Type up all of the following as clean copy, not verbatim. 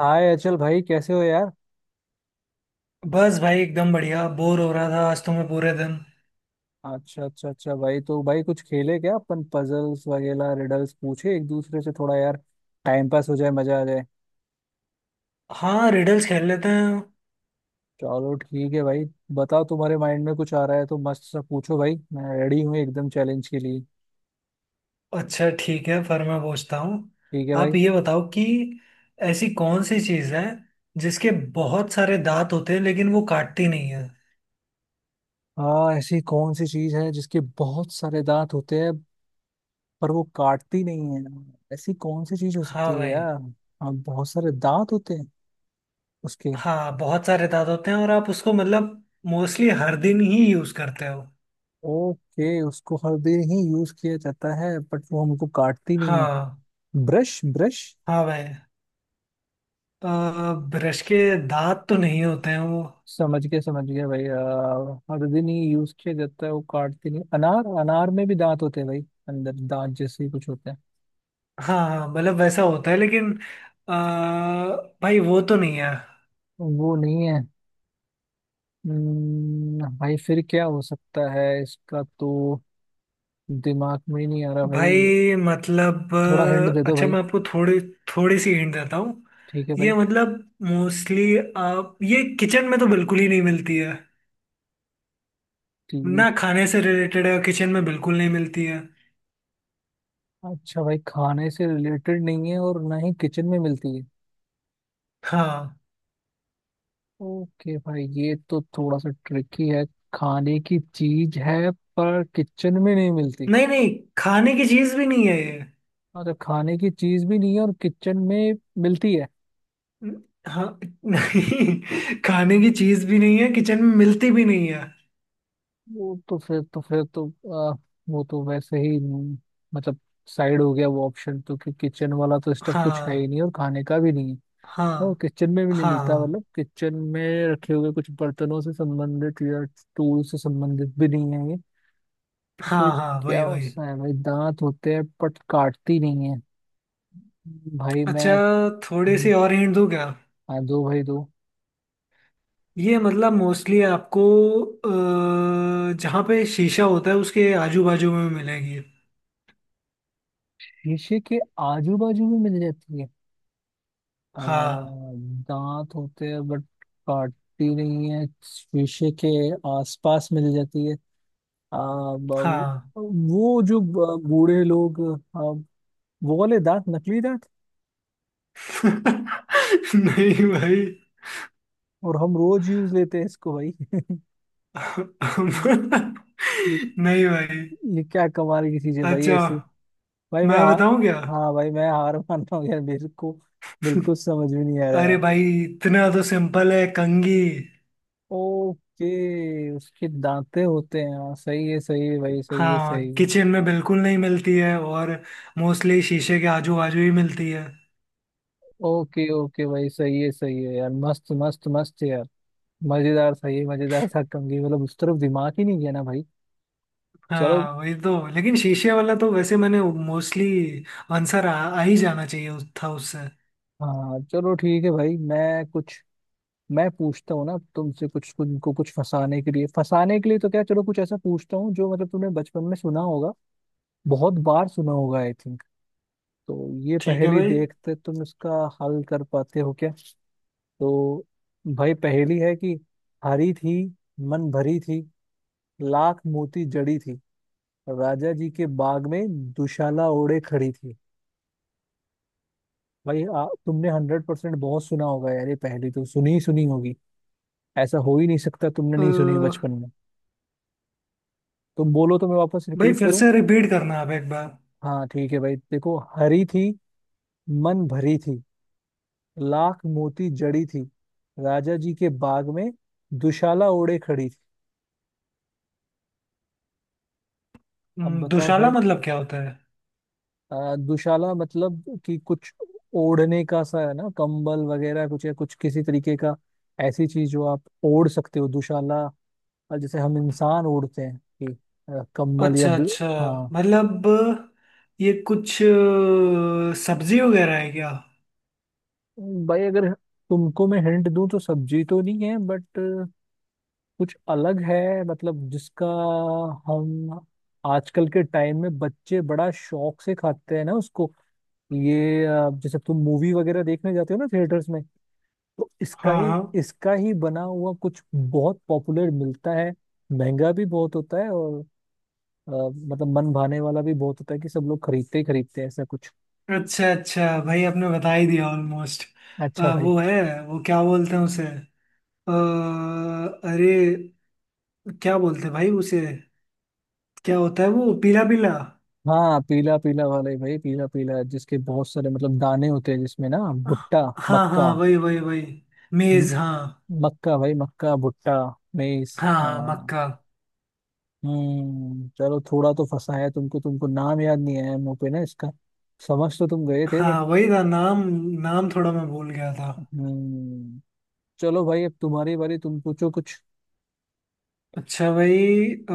हाय अचल भाई, कैसे हो यार। बस भाई एकदम बढ़िया बोर हो रहा था आज तो मैं पूरे दिन। अच्छा अच्छा अच्छा भाई, तो भाई कुछ खेले क्या अपन? पजल्स वगैरह रिडल्स पूछे एक दूसरे से, थोड़ा यार टाइम पास हो जाए, मजा आ जाए। हाँ, रिडल्स खेल लेते हैं। चलो ठीक है भाई। बताओ, तुम्हारे माइंड में कुछ आ रहा है तो मस्त सा पूछो भाई, मैं रेडी हूँ एकदम चैलेंज के लिए। अच्छा ठीक है, फिर मैं पूछता हूँ। ठीक है भाई। आप ये बताओ कि ऐसी कौन सी चीज़ है जिसके बहुत सारे दांत होते हैं लेकिन वो काटती नहीं है। हाँ, ऐसी कौन सी चीज है जिसके बहुत सारे दांत होते हैं पर वो काटती नहीं है। ऐसी कौन सी चीज हो हाँ सकती है भाई। यार। हाँ, बहुत सारे दांत होते हैं उसके। हाँ, बहुत सारे दांत होते हैं और आप उसको मतलब मोस्टली हर दिन ही यूज़ करते हो। ओके, उसको हर दिन ही यूज किया जाता है बट वो हमको काटती नहीं है। हाँ। Brush, brush. हाँ भाई, ब्रश के दांत तो नहीं होते हैं वो। समझ गया भाई, हर दिन ही यूज किया जाता है, वो काटती नहीं। अनार, अनार में भी दांत होते हैं भाई, अंदर दांत जैसे ही कुछ होते हैं। हाँ हाँ, मतलब वैसा होता है लेकिन अ, भाई वो तो नहीं है। वो नहीं है। भाई फिर क्या हो सकता है इसका, तो दिमाग में ही नहीं आ रहा भाई। भाई मतलब थोड़ा हिंट दे दो अच्छा भाई। मैं आपको थोड़ी थोड़ी सी हिंट देता हूँ। ठीक है ये भाई। मतलब मोस्टली आप ये किचन में तो बिल्कुल ही नहीं मिलती है। ठीक। ना खाने से रिलेटेड है और किचन में बिल्कुल नहीं मिलती है। अच्छा भाई, खाने से रिलेटेड नहीं है और ना ही किचन में मिलती है। हाँ। ओके भाई, ये तो थोड़ा सा ट्रिकी है। खाने की चीज है पर किचन में नहीं मिलती। नहीं नहीं, खाने की चीज भी नहीं है ये। अच्छा, खाने की चीज भी नहीं है और किचन में मिलती है। न- हाँ। नहीं, खाने की चीज भी नहीं है, किचन में मिलती भी नहीं है। वो तो फिर तो आ, वो तो वैसे ही मतलब साइड हो गया वो ऑप्शन, तो कि किचन वाला तो स्टफ कुछ है ही हाँ नहीं और खाने का भी नहीं है और हाँ किचन में भी नहीं मिलता, हाँ मतलब किचन में रखे हुए कुछ बर्तनों से संबंधित या टूल से संबंधित भी नहीं है ये। तो हाँ फिर हाँ हाँ, क्या वही वही। होता है भाई, दांत होते हैं बट काटती नहीं है। भाई अच्छा, मैं। थोड़ी सी और हिंट दूँ क्या? हाँ, दो भाई दो। ये मतलब मोस्टली आपको जहाँ पे शीशा होता है उसके आजू बाजू में मिलेगी। शीशे के आजू बाजू में मिल जाती है। आ, हाँ। दांत होते हैं बट काटती नहीं है, शीशे के आसपास मिल जाती है। आ, ब- हाँ। वो जो बूढ़े लोग, आ, वो वाले दांत, नकली दांत, नहीं भाई। और हम रोज यूज लेते हैं इसको भाई ये, नहीं भाई। ये क्या कमाल की चीज है भाई अच्छा ऐसी। भाई मैं मैं हार बताऊं क्या? हाँ भाई, मैं हार मान रहा हूँ यार, मेरे को बिल्कुल समझ में नहीं आ रहा। अरे भाई, इतना तो सिंपल है, कंघी। ओके, उसके दांते होते हैं, हाँ सही है भाई, सही है हाँ, सही है। किचन में बिल्कुल नहीं मिलती है और मोस्टली शीशे के आजू बाजू ही मिलती है। ओके ओके भाई, सही है यार, मस्त मस्त मस्त है यार। मजेदार, सही है, मजेदार था कंगी, मतलब उस तरफ दिमाग ही नहीं गया ना भाई। चलो। हाँ वही तो, लेकिन शीशे वाला तो वैसे मैंने मोस्टली आंसर आ ही जाना चाहिए था उससे। हाँ चलो ठीक है भाई, मैं पूछता हूँ ना तुमसे कुछ, तुमको कुछ फंसाने के लिए, तो क्या चलो कुछ ऐसा पूछता हूँ जो मतलब तुमने बचपन में सुना होगा, बहुत बार सुना होगा आई थिंक। तो ये ठीक है पहेली भाई। देखते तुम इसका हल कर पाते हो क्या। तो भाई पहेली है कि हरी थी, मन भरी थी, लाख मोती जड़ी थी, राजा जी के बाग में दुशाला ओढ़े खड़ी थी। भाई तुमने 100% बहुत सुना होगा यार ये पहेली, तो सुनी ही सुनी होगी, ऐसा हो ही नहीं सकता तुमने अ, नहीं सुनी हो बचपन में। तो बोलो तो मैं वापस भाई रिपीट फिर करूं। से रिपीट करना आप एक बार। हाँ ठीक है भाई, देखो, हरी थी, मन भरी थी, लाख मोती जड़ी थी, राजा जी के बाग में दुशाला ओढ़े खड़ी थी। अब बताओ दुशाला भाई। मतलब क्या होता है? दुशाला मतलब कि कुछ ओढ़ने का सा है ना, कंबल वगैरह कुछ, या कुछ किसी तरीके का ऐसी चीज जो आप ओढ़ सकते हो, दुशाला। और जैसे हम इंसान ओढ़ते हैं कि कंबल या अच्छा ब्ल...। अच्छा। हाँ। मतलब ये कुछ सब्जी वगैरह है क्या? भाई अगर तुमको मैं हिंट दूं तो सब्जी तो नहीं है बट कुछ अलग है, मतलब जिसका हम आजकल के टाइम में बच्चे बड़ा शौक से खाते हैं ना उसको। ये जैसे तुम मूवी वगैरह देखने जाते हो ना थिएटर्स में, तो हाँ हाँ। इसका ही बना हुआ कुछ बहुत पॉपुलर मिलता है, महंगा भी बहुत होता है, और मतलब मन भाने वाला भी बहुत होता है कि सब लोग खरीदते ही खरीदते हैं ऐसा कुछ। अच्छा, अच्छा भाई आपने बता ही दिया ऑलमोस्ट। अच्छा भाई। वो है, वो क्या बोलते हैं उसे? अ, अरे, क्या बोलते हैं भाई उसे? क्या होता है वो, पीला पीला। हाँ पीला पीला वाले भाई, पीला पीला जिसके बहुत सारे मतलब दाने होते हैं जिसमें ना, भुट्टा, हाँ मक्का। हाँ, वही वही वही। हम्म, मेज हाँ। मक्का भाई, मक्का, भुट्टा, मेस, हाँ हाँ, हाँ। मक्का। हम्म। चलो थोड़ा तो फंसाया तुमको, तुमको नाम याद नहीं आया मुंह पे ना इसका, समझ तो तुम गए थे बट। हाँ वही था नाम, नाम थोड़ा मैं भूल गया था। हम्म। चलो भाई, अब तुम्हारी बारी, तुम पूछो कुछ। अच्छा भाई, अ,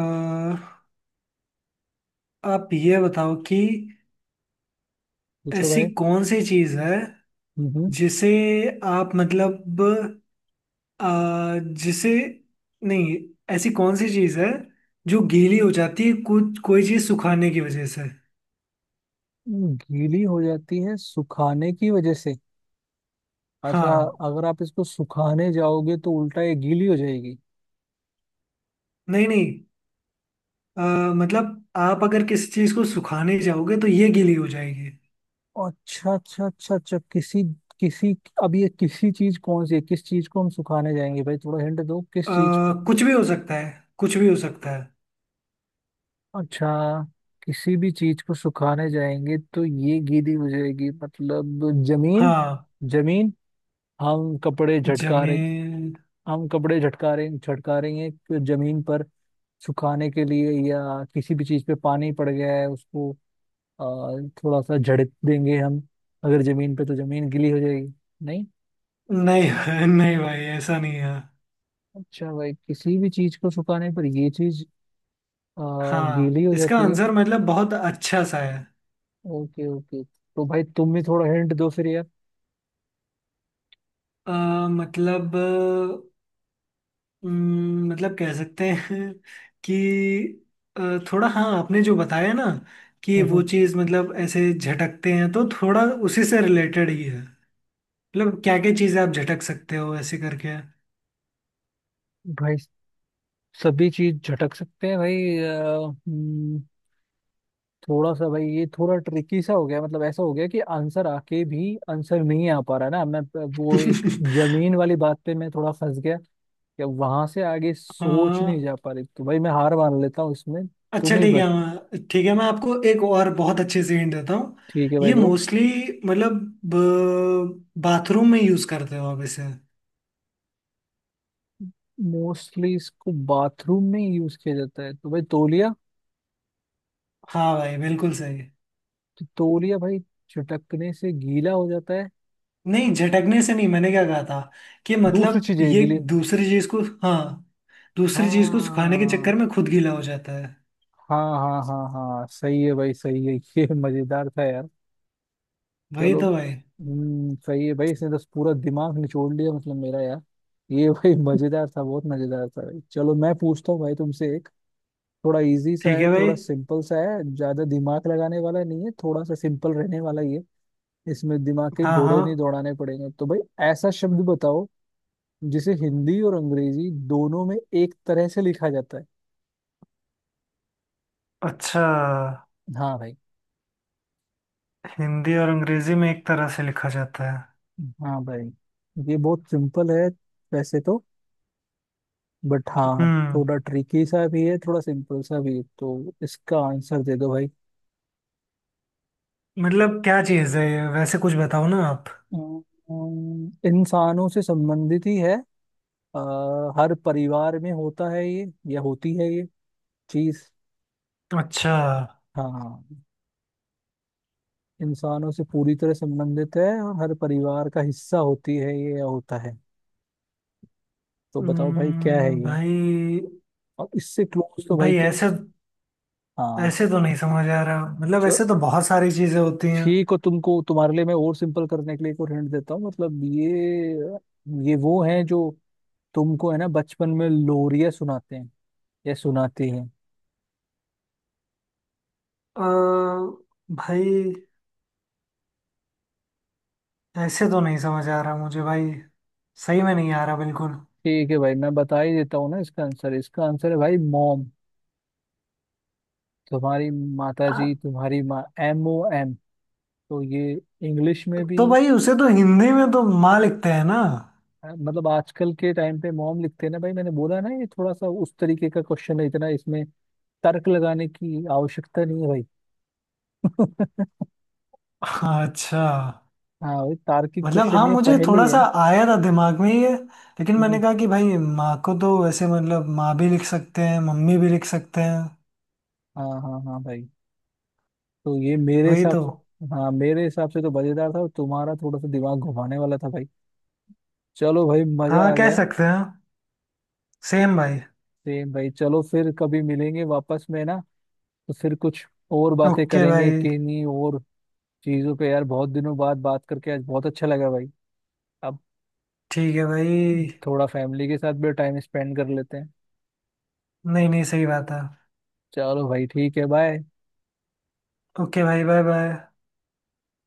आप ये बताओ कि पूछो ऐसी भाई। कौन सी चीज है हम्म। जिसे आप मतलब अ, जिसे नहीं ऐसी कौन सी चीज है जो गीली हो जाती है कुछ कोई चीज सुखाने की वजह से। गीली हो जाती है सुखाने की वजह से, अच्छा। हाँ। अगर आप इसको सुखाने जाओगे तो उल्टा ये गीली हो जाएगी। नहीं नहीं, मतलब आप अगर किसी चीज को सुखाने जाओगे तो ये गीली हो जाएगी। अच्छा अच्छा अच्छा अच्छा, किसी किसी अब ये किसी चीज कौन सी है, किस चीज को हम सुखाने जाएंगे भाई, थोड़ा हिंट दो अ, किस चीज। कुछ भी हो सकता है, कुछ भी हो सकता है। अच्छा, किसी भी चीज को सुखाने जाएंगे तो ये गीली हो जाएगी, मतलब जमीन। हाँ, जमीन, हम कपड़े झटका रहे, जमीन। झटका रही हैं कि जमीन पर सुखाने के लिए, या किसी भी चीज पे पानी पड़ गया है उसको अ, थोड़ा सा झड़क देंगे हम, अगर जमीन पे, तो जमीन गीली हो जाएगी, नहीं? नहीं। नहीं भाई, ऐसा नहीं है। अच्छा भाई, किसी भी चीज को सुखाने पर ये चीज अ, हाँ, गीली हो इसका जाती है। आंसर मतलब बहुत अच्छा सा है। ओके ओके, तो भाई तुम भी थोड़ा हिंट दो फिर यार। अ, मतलब मतलब कह सकते हैं कि अ, थोड़ा हाँ आपने जो बताया ना कि हम्म, वो हम्म। चीज़ मतलब ऐसे झटकते हैं तो थोड़ा उसी से रिलेटेड ही है। मतलब क्या क्या चीज़ें आप झटक सकते हो ऐसे करके। भाई सभी चीज झटक सकते हैं भाई। थोड़ा सा भाई, ये थोड़ा ट्रिकी सा हो गया, मतलब ऐसा हो गया कि आंसर आके भी आंसर नहीं आ पा रहा ना। मैं वो एक जमीन वाली बात पे मैं थोड़ा फंस गया, या वहां से आगे सोच नहीं हाँ, जा पा रही, तो भाई मैं हार मान लेता हूँ इसमें। अच्छा तुम ही ठीक बत। है, मैं आपको एक और बहुत अच्छे से हिंट देता हूँ। ठीक है भाई, ये दो। मोस्टली मतलब बाथरूम में यूज करते हो आप इसे। मोस्टली इसको बाथरूम में यूज किया जाता है तो भाई, तौलिया। हाँ भाई, बिल्कुल सही। तो तौलिया भाई चटकने से गीला हो जाता है? नहीं, झटकने से नहीं, मैंने क्या कहा था कि दूसरी मतलब चीज है ये गीली। दूसरी चीज को। हाँ, दूसरी चीज को सुखाने के हाँ चक्कर में खुद गीला हो जाता है। हाँ हाँ हाँ हाँ, सही है भाई सही है ये मजेदार था यार। वही चलो, तो भाई। सही है भाई, इसने तो पूरा दिमाग निचोड़ लिया मतलब मेरा यार ये भाई मजेदार था, बहुत मजेदार था भाई। चलो मैं पूछता हूँ भाई तुमसे एक, थोड़ा इजी सा ठीक है, है भाई। थोड़ा सिंपल सा है, ज्यादा दिमाग लगाने वाला नहीं है, थोड़ा सा सिंपल रहने वाला ये, इसमें दिमाग के हाँ घोड़े नहीं हाँ। दौड़ाने पड़ेंगे, तो भाई, ऐसा शब्द बताओ जिसे हिंदी और अंग्रेजी दोनों में एक तरह से लिखा जाता है। अच्छा, हाँ भाई। हिंदी और अंग्रेजी में एक तरह से लिखा जाता है। हाँ भाई, ये बहुत सिंपल है वैसे तो, बट हाँ हम्म। थोड़ा ट्रिकी सा भी है, थोड़ा सिंपल सा भी है, तो इसका आंसर दे दो भाई। मतलब क्या चीज है ये, वैसे कुछ बताओ ना आप। इंसानों से संबंधित ही है, अ, हर परिवार में होता है ये, या होती है ये चीज। अच्छा। हाँ, इंसानों से पूरी तरह संबंधित है और हर परिवार का हिस्सा होती है ये या होता है, तो बताओ भाई क्या है ये। भाई। और इससे क्लोज तो भाई भाई क्या। ऐसे, हाँ। ऐसे तो नहीं समझ आ रहा, मतलब चलो ऐसे तो बहुत सारी चीजें होती हैं। ठीक हो, तुमको तुम्हारे लिए मैं और सिंपल करने के लिए एक और हिंट देता हूँ। मतलब ये वो है जो तुमको है ना बचपन में लोरिया सुनाते हैं, या सुनाती है। अ, भाई ऐसे तो नहीं समझ आ रहा मुझे भाई, सही में नहीं आ रहा बिल्कुल। ठीक है भाई, मैं बता ही देता हूँ ना इसका आंसर। इसका आंसर है भाई मॉम, तुम्हारी माता अ, जी, तुम्हारी माँ, एम ओ एम, तो ये इंग्लिश में भी। तो भाई उसे तो हिंदी में तो माँ लिखते हैं ना। मतलब आजकल के टाइम पे मॉम लिखते हैं ना भाई, मैंने बोला ना ये थोड़ा सा उस तरीके का क्वेश्चन है, इतना इसमें तर्क लगाने की आवश्यकता नहीं है भाई हाँ, अच्छा। हाँ भाई, तार्किक मतलब क्वेश्चन हाँ, ये मुझे पहले ही थोड़ा सा है। आया था दिमाग में ये, लेकिन मैंने हम्म। कहा कि भाई माँ को तो वैसे मतलब माँ भी लिख सकते हैं, मम्मी भी लिख सकते हैं। हाँ हाँ हाँ भाई, तो ये मेरे वही हिसाब तो। हाँ मेरे हिसाब से तो मजेदार था, और तुम्हारा थोड़ा सा दिमाग घुमाने वाला था भाई। चलो भाई, मजा हाँ, आ कह गया। सकते हैं। सेम भाई। सेम भाई। चलो फिर कभी मिलेंगे वापस में ना, तो फिर कुछ और बातें ओके करेंगे भाई। किन्हीं और चीजों पे यार। बहुत दिनों बाद बात करके आज बहुत अच्छा लगा भाई। अब ठीक है भाई। थोड़ा फैमिली के साथ भी टाइम स्पेंड कर लेते हैं। नहीं नहीं, सही बात है। चलो भाई ठीक है, बाय। ओके भाई, बाय बाय।